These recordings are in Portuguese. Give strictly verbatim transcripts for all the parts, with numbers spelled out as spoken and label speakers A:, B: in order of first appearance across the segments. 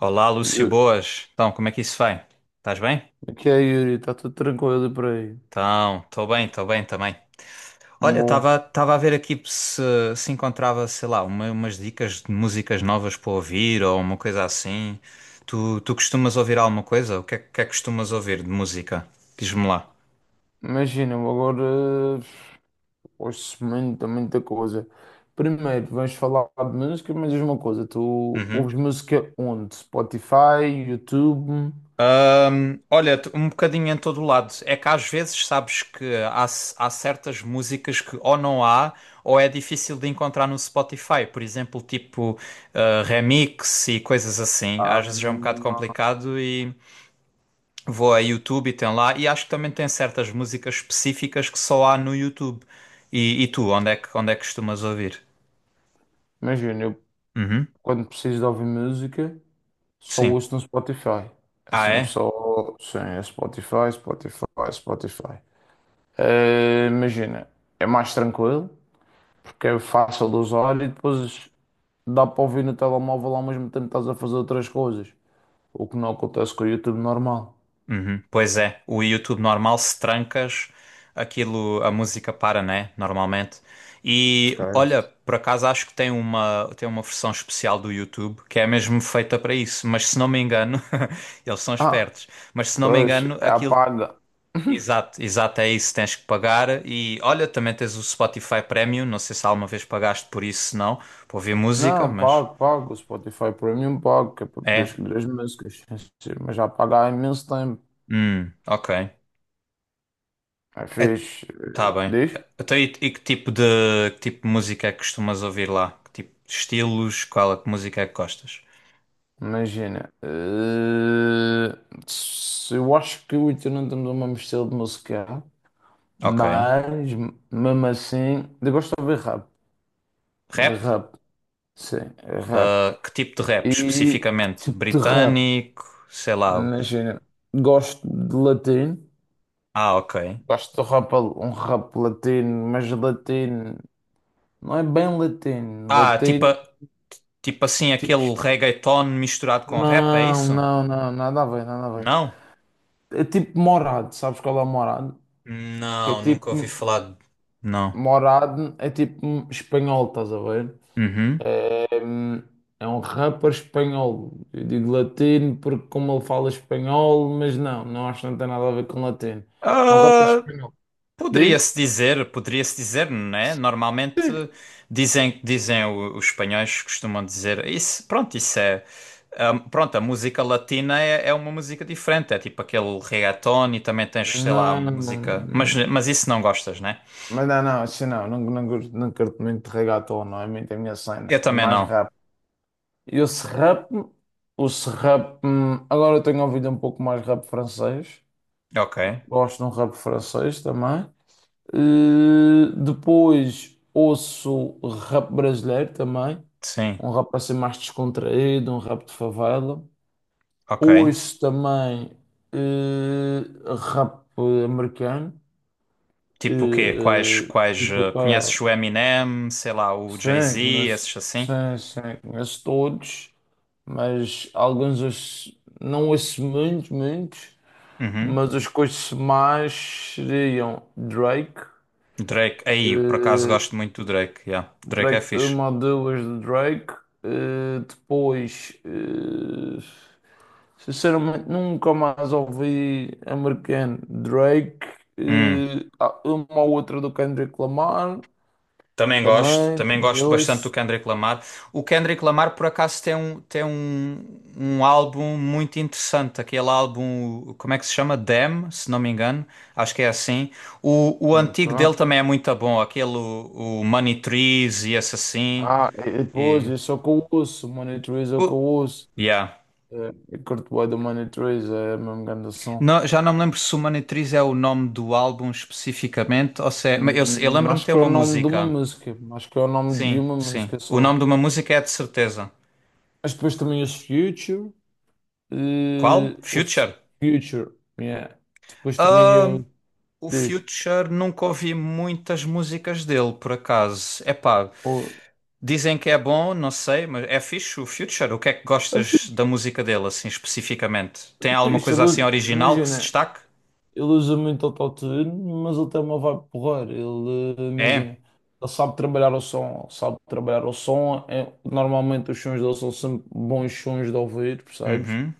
A: Olá, Lúcio,
B: Eu-
A: boas. Então, como é que isso vai? Estás bem?
B: O que é, Yuri? Está tudo tranquilo por aí.
A: Então, estou bem, estou bem também. Olha,
B: Bom,
A: estava estava a ver aqui se se encontrava, sei lá, uma- umas dicas de músicas novas para ouvir ou uma coisa assim. Tu, tu costumas ouvir alguma coisa? O que é, que é que costumas ouvir de música? Diz-me lá.
B: imagina, eu agora ouço muita, muita coisa. Primeiro, vamos falar de música, mas diz uma coisa, tu
A: Uhum.
B: ouves música onde? Spotify, YouTube?
A: Olha, t- um bocadinho em todo o lado. É que às vezes sabes que há, c- há certas músicas que ou não há ou é difícil de encontrar no Spotify. Por exemplo, tipo eh, remix e coisas assim.
B: Ah,
A: Às vezes é um bocado complicado e vou a YouTube e tem lá. E acho que também tem certas músicas específicas que só há no YouTube. E, e tu, onde é que, onde é que costumas ouvir?
B: imagina, eu
A: Uhum,
B: quando preciso de ouvir música, só
A: sim.
B: ouço no Spotify. É
A: Ah,
B: sempre
A: é?
B: só, sim, é Spotify, Spotify, Spotify. Eh, imagina, é mais tranquilo, porque é fácil de usar e depois dá para ouvir no telemóvel ao mesmo tempo que estás a fazer outras coisas, o que não acontece com o YouTube normal.
A: Uhum. Pois é, o YouTube normal, se trancas, aquilo, a música para, né? Normalmente. E olha,
B: Esquece.
A: por acaso acho que tem uma, tem uma versão especial do YouTube que é mesmo feita para isso, mas se não me engano, eles são
B: Ah,
A: espertos, mas se não me
B: pois,
A: engano,
B: é,
A: aquilo.
B: apaga.
A: Exato, exato, é isso, tens que pagar. E olha, também tens o Spotify Premium, não sei se alguma vez pagaste por isso, se não, para ouvir música,
B: Não,
A: mas.
B: pago, pago. O Spotify Premium pago, que é para poder
A: É.
B: escolher as músicas. Sim, mas já pago há imenso tempo.
A: Hum, ok.
B: É
A: É.
B: fixe. Eh,
A: Tá bem.
B: Diz?
A: Então, e, e que tipo de, que tipo de música é que costumas ouvir lá? Que tipo de estilos? Qual é que música é que gostas?
B: Imagina. Eh, se- eu acho que o Ita não temos o mesmo estilo de música,
A: Ok.
B: mas mesmo assim, eu gosto de ouvir rap. De
A: Rap?
B: rap, sim, é rap.
A: Ah, que tipo de rap
B: E que
A: especificamente?
B: tipo de rap?
A: Britânico? Sei lá. o-
B: Imagina, gosto de latino,
A: Ah, ok.
B: gosto de rap, um rap latino, mas latino, não é bem latino,
A: Ah, tipo,
B: latino,
A: a- tipo assim,
B: tipo,
A: aquele
B: es-
A: reggaeton misturado com rap, é
B: não,
A: isso?
B: não, não, nada a ver, nada a ver.
A: Não?
B: É tipo morado, sabes qual é o morado? Que é
A: Não,
B: tipo,
A: nunca ouvi falar. de- Não.
B: morado é tipo espanhol, estás a ver?
A: Uhum.
B: É, hum, é um rapper espanhol. Eu digo latino porque como ele fala espanhol, mas não, não acho que não tem nada a ver com latino. É um rapper espanhol. Diz?
A: Poderia-se dizer, poderia-se dizer, não é? Normalmente
B: Sim.
A: dizem, dizem o- os espanhóis costumam dizer isso, pronto, isso é, ah, pronto, a música latina é, é uma música diferente, é tipo aquele reggaeton e também tens, sei lá,
B: Não, não-
A: música, mas, mas isso não gostas, né?
B: mas não, não, assim não, não, não, curto- não curto muito de reggaeton, não é muito a minha cena,
A: Eu
B: é
A: também
B: mais
A: não.
B: rap. E o rap, o rap, agora eu tenho ouvido um pouco mais rap francês,
A: Ok,
B: gosto de um rap francês também. Eh, depois ouço rap brasileiro também,
A: sim,
B: um rap assim mais descontraído, um rap de favela.
A: ok.
B: Ouço também eh, rap americano,
A: Tipo o quê? Quais,
B: eh,
A: quais,
B: tipo,
A: ah,
B: que é,
A: conheces o Eminem, sei lá, o
B: sim,
A: Jay-Z,
B: conheço,
A: esses assim?
B: sim, sim, conheço todos, mas alguns ouço- não ouço muitos, muitos,
A: Uhum.
B: mas os que ouço mais seriam Drake.
A: Drake, aí, por acaso
B: eh,
A: gosto muito do Drake, yeah. Drake é
B: Drake,
A: fixe.
B: uma ou duas de Drake. Eh, depois, eh, sinceramente, nunca mais ouvi americano. Drake,
A: Hum.
B: eh, há uma ou outra do Kendrick Lamar,
A: Também gosto,
B: também,
A: também
B: também
A: gosto bastante do
B: ouço.
A: Kendrick Lamar. O Kendrick Lamar, por acaso, tem um, tem um, um álbum muito interessante, aquele álbum, como é que se chama? Damn, se não me engano, acho que é assim. O, o
B: Ok.
A: antigo dele também é muito bom, aquele, o, o Money Trees e esse assim.
B: Ah, e e depois,
A: E,
B: eu só que eu ouço, Money Trees é o que eu
A: o-
B: ouço.
A: yeah.
B: Eh, Eu curto bem do Money Trees, é a mesma grande som.
A: Não, já não me lembro se o Money Trees é o nome do álbum especificamente, ou se é, mas eu, sei- eu
B: Hum, hum.
A: lembro-me de
B: Acho
A: ter
B: que é o
A: uma
B: nome de uma
A: música.
B: música, acho que é o nome de
A: Sim,
B: uma
A: sim.
B: música
A: O
B: só.
A: nome de uma música é de certeza.
B: Mas depois também ouço Future.
A: Qual?
B: Eh, o S-
A: Future?
B: Future, yeah. Depois também eu
A: O
B: diz,
A: Future nunca ouvi muitas músicas dele, por acaso. Epá,
B: oh,
A: dizem que é bom, não sei, mas é fixe o Future. O que é que
B: é
A: gostas da música dele, assim, especificamente? Tem alguma
B: fixe, ele
A: coisa assim
B: usa-
A: original que se
B: imagina,
A: destaque?
B: ele usa muito autotune, mas ele tem uma vibe porreira, ele, eh, imagina,
A: É?
B: ele sabe trabalhar o som, sabe trabalhar o som, é- normalmente os sons dele são sempre bons sons de ouvir, percebes?
A: Uhum.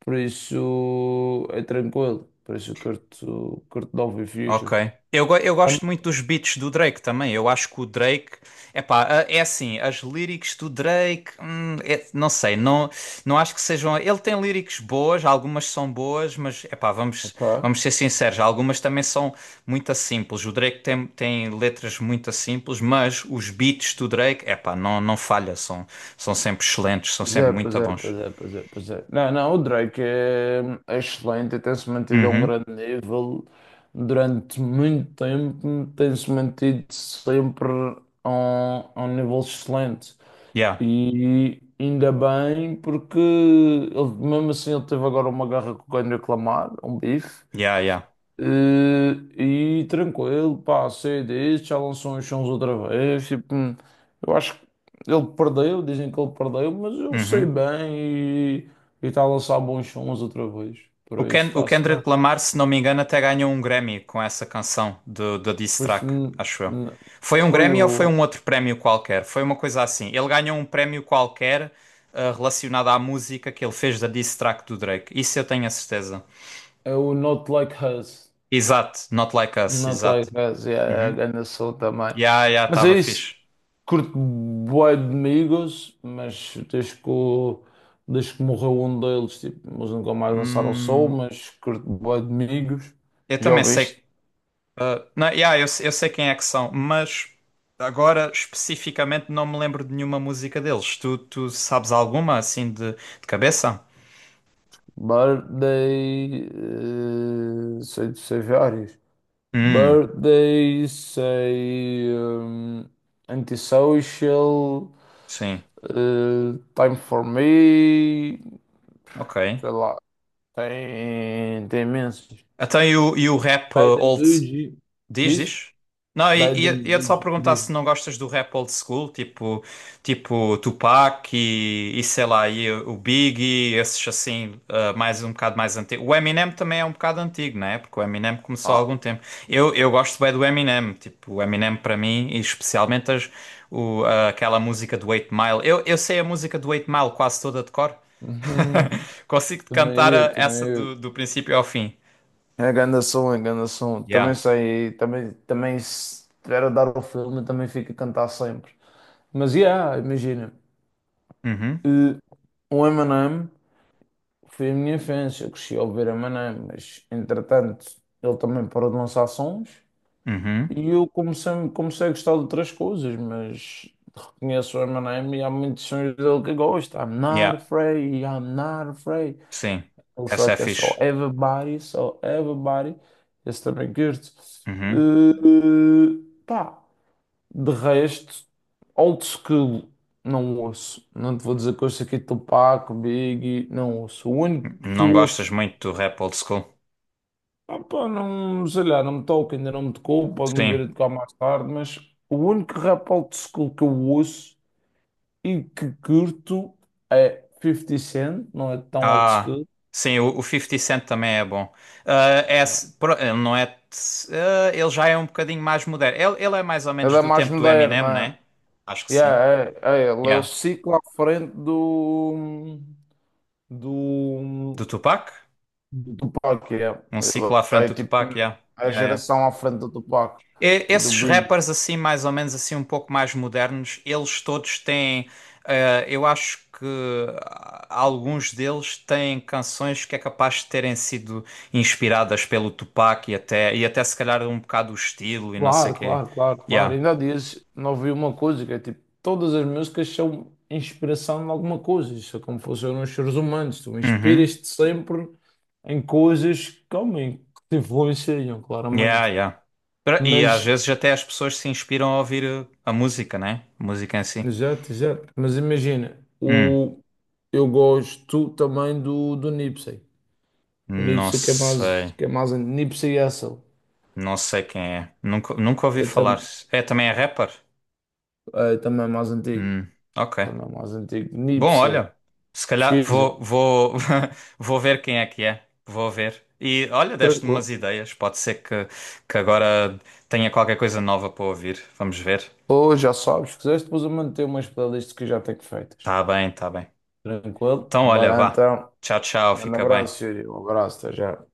B: Por isso é tranquilo, por isso eu curto, curto de ouvir
A: Ok.
B: Future.
A: Eu, go- eu
B: Tam-
A: gosto muito dos beats do Drake também. Eu acho que o Drake. Epá, a- é assim, as lyrics do Drake. hum, é- não sei, não, não acho que sejam. Ele tem lyrics boas, algumas são boas, mas epá, vamos,
B: Ok.
A: vamos ser sinceros, algumas também são muito simples. O Drake tem, tem letras muito simples, mas os beats do Drake, epá, não, não falha, são, são sempre excelentes, são
B: Pois
A: sempre
B: é, pois
A: muito
B: é,
A: bons.
B: pois é, pois é, pois é. Não, não, o Drake é, é excelente, e tem-se mantido a um
A: Uhum.
B: grande nível durante muito tempo, tem-se mantido sempre a um, a um nível excelente.
A: Yeah,
B: E ainda bem, porque ele, mesmo assim ele teve agora uma guerra com o Kendrick Lamar, um bife,
A: yeah, yeah.
B: eh, e tranquilo, pá, sei disso, já lançou uns sons outra vez. Tipo, hum, eu acho que ele perdeu, dizem que ele perdeu, mas eu sei
A: Uhum.
B: bem e e está a lançar bons sons outra vez. Por
A: O,
B: isso
A: Ken, o
B: está-se bem.
A: Kendrick Lamar, se não me engano, até ganhou um Grammy com essa canção de, de diss
B: Pois foi,
A: track,
B: hum,
A: acho eu.
B: hum,
A: Foi um
B: foi
A: Grammy ou foi
B: o,
A: um outro prémio qualquer? Foi uma coisa assim. Ele ganhou um prémio qualquer, ah, relacionado à música que ele fez da diss track do Drake. Isso eu tenho a certeza.
B: é o Not Like Us.
A: Exato, Not Like Us,
B: Not
A: exato.
B: Like Us, yeah, é a
A: Uhum.
B: grande som também.
A: Yeah, yeah,
B: Mas é
A: estava
B: isso.
A: fixe.
B: Curto bué de amigos, mas desde que, o- desde que morreu um deles, tipo, eles nunca mais dançaram ao sol,
A: Hum,
B: mas curto bué de amigos.
A: eu
B: Já
A: também
B: ouviste?
A: sei. Uh, não, yeah, eu, eu sei quem é que são, mas agora especificamente não me lembro de nenhuma música deles. Tu, tu sabes alguma assim de, de cabeça?
B: Birthday, eh, sei, sei vários.
A: Hum,
B: Birthday, sei, hum, Antisocial,
A: sim,
B: eh, Time for Me,
A: ok.
B: sei lá, tem, tem imensos.
A: Até e o, e o rap uh,
B: Bad and
A: old.
B: Bougie,
A: Diz,
B: diz?
A: diz. Não, e
B: Bad
A: e- e
B: and
A: ia-te só
B: Bougie,
A: perguntar
B: diz.
A: se não gostas do rap old school, tipo, tipo Tupac e, e sei lá, e o Biggie, esses assim, ah, mais um bocado mais antigo. O Eminem também é um bocado antigo, não é? Porque o Eminem começou há
B: Ah,
A: algum tempo. Eu, eu gosto bem do Eminem, tipo, o Eminem para mim, e especialmente as, o, ah, aquela música do oito Mile. Eu, eu sei a música do oito Mile quase toda de cor.
B: Uhum.
A: Consigo-te cantar
B: Também
A: a-
B: eu, também
A: essa do,
B: eu.
A: do princípio ao fim.
B: É grande som, é grande som. Também
A: Yeah.
B: sei, também, também se tiver a dar o filme, também fico a cantar sempre. Mas, yeah, imagina.
A: Uhum.
B: Eh, O Eminem foi a minha infância, eu cresci a ouvir Eminem, mas entretanto ele também parou de lançar sons
A: Uhum.
B: e eu comecei, comecei a gostar de outras coisas, mas reconheço o Eminem e há muitos sons dele que eu gosto. I'm not
A: Yeah.
B: afraid, I'm not afraid.
A: Sim,
B: Ele só
A: essa é
B: quer só
A: fixe.
B: everybody, só everybody. Esse também curto.
A: Uhum.
B: Eh, pá, de resto, old school, não ouço. Não te vou dizer que ouço aqui Tupac, Biggie, não ouço. O único que
A: Não gostas
B: ouço,
A: muito do rap old school?
B: ah, pá, não, sei lá, não me toca, ainda não me tocou, pode-me
A: Sim.
B: vir a tocar mais tarde, mas o único rap old school que eu ouço e que curto é fifty Cent, não é tão old
A: Ah,
B: school.
A: sim, o, o cinquenta Cent também é bom. Ah, é,
B: É
A: s- pro- ele não é. t- ah, ele já é um bocadinho mais moderno. Ele, ele é mais ou
B: É
A: menos
B: da
A: do
B: mais
A: tempo do Eminem,
B: moderna.
A: né? Acho que sim.
B: Yeah, é, é, ele é o
A: Yeah.
B: ciclo à frente do, do,
A: Do Tupac?
B: do Tupac. é
A: Um ciclo
B: Ele
A: à frente
B: é
A: do
B: tipo
A: Tupac, yeah.
B: a
A: Yeah, yeah.
B: geração à frente do Tupac
A: E-
B: e do
A: Esses
B: Big.
A: rappers assim, mais ou menos assim, um pouco mais modernos, eles todos têm, eh, eu acho que ah, alguns deles têm canções que é capaz de terem sido inspiradas pelo Tupac e até, e até se calhar um bocado o estilo e não sei o
B: Claro,
A: quê.
B: claro, claro, claro.
A: Yeah.
B: Ainda há dias não ouvi uma coisa que é tipo: todas as músicas são inspiração em alguma coisa. Isso é como funcionam os seres humanos. Tu
A: Uhum.
B: inspiras-te sempre em coisas que, homem, que te influenciam,
A: Yeah,
B: claramente.
A: yeah. Pra- E às
B: Mas
A: vezes até as pessoas se inspiram a ouvir eh, a música, né? Música em si.
B: Exato, exato. Mas imagina,
A: Hum,
B: o... eu gosto também do, do Nipsey. O
A: não
B: Nipsey que é mais,
A: sei.
B: que é mais an- Nipsey Hussle.
A: Não sei quem é. Nunca, nunca ouvi
B: É,
A: falar.
B: tam...
A: É, também é rapper?
B: é também é mais antigo.
A: Hum, ok.
B: Também é mais antigo.
A: Bom,
B: Nipsey.
A: olha, se calhar
B: Pesquisa.
A: vou, vou, vou ver quem é que é. Vou ver. E olha, deste-me umas
B: Tranquilo.
A: ideias. Pode ser que, que agora tenha qualquer coisa nova para ouvir. Vamos ver.
B: Ou já sabes, se quiseres, depois eu manter umas playlists que eu já tenho feitas.
A: Tá bem, tá bem.
B: Tranquilo?
A: Então, olha,
B: Bora
A: vá.
B: então.
A: Tchau, tchau.
B: Um grande
A: Fica bem.
B: abraço, Yuri. Um abraço, até já.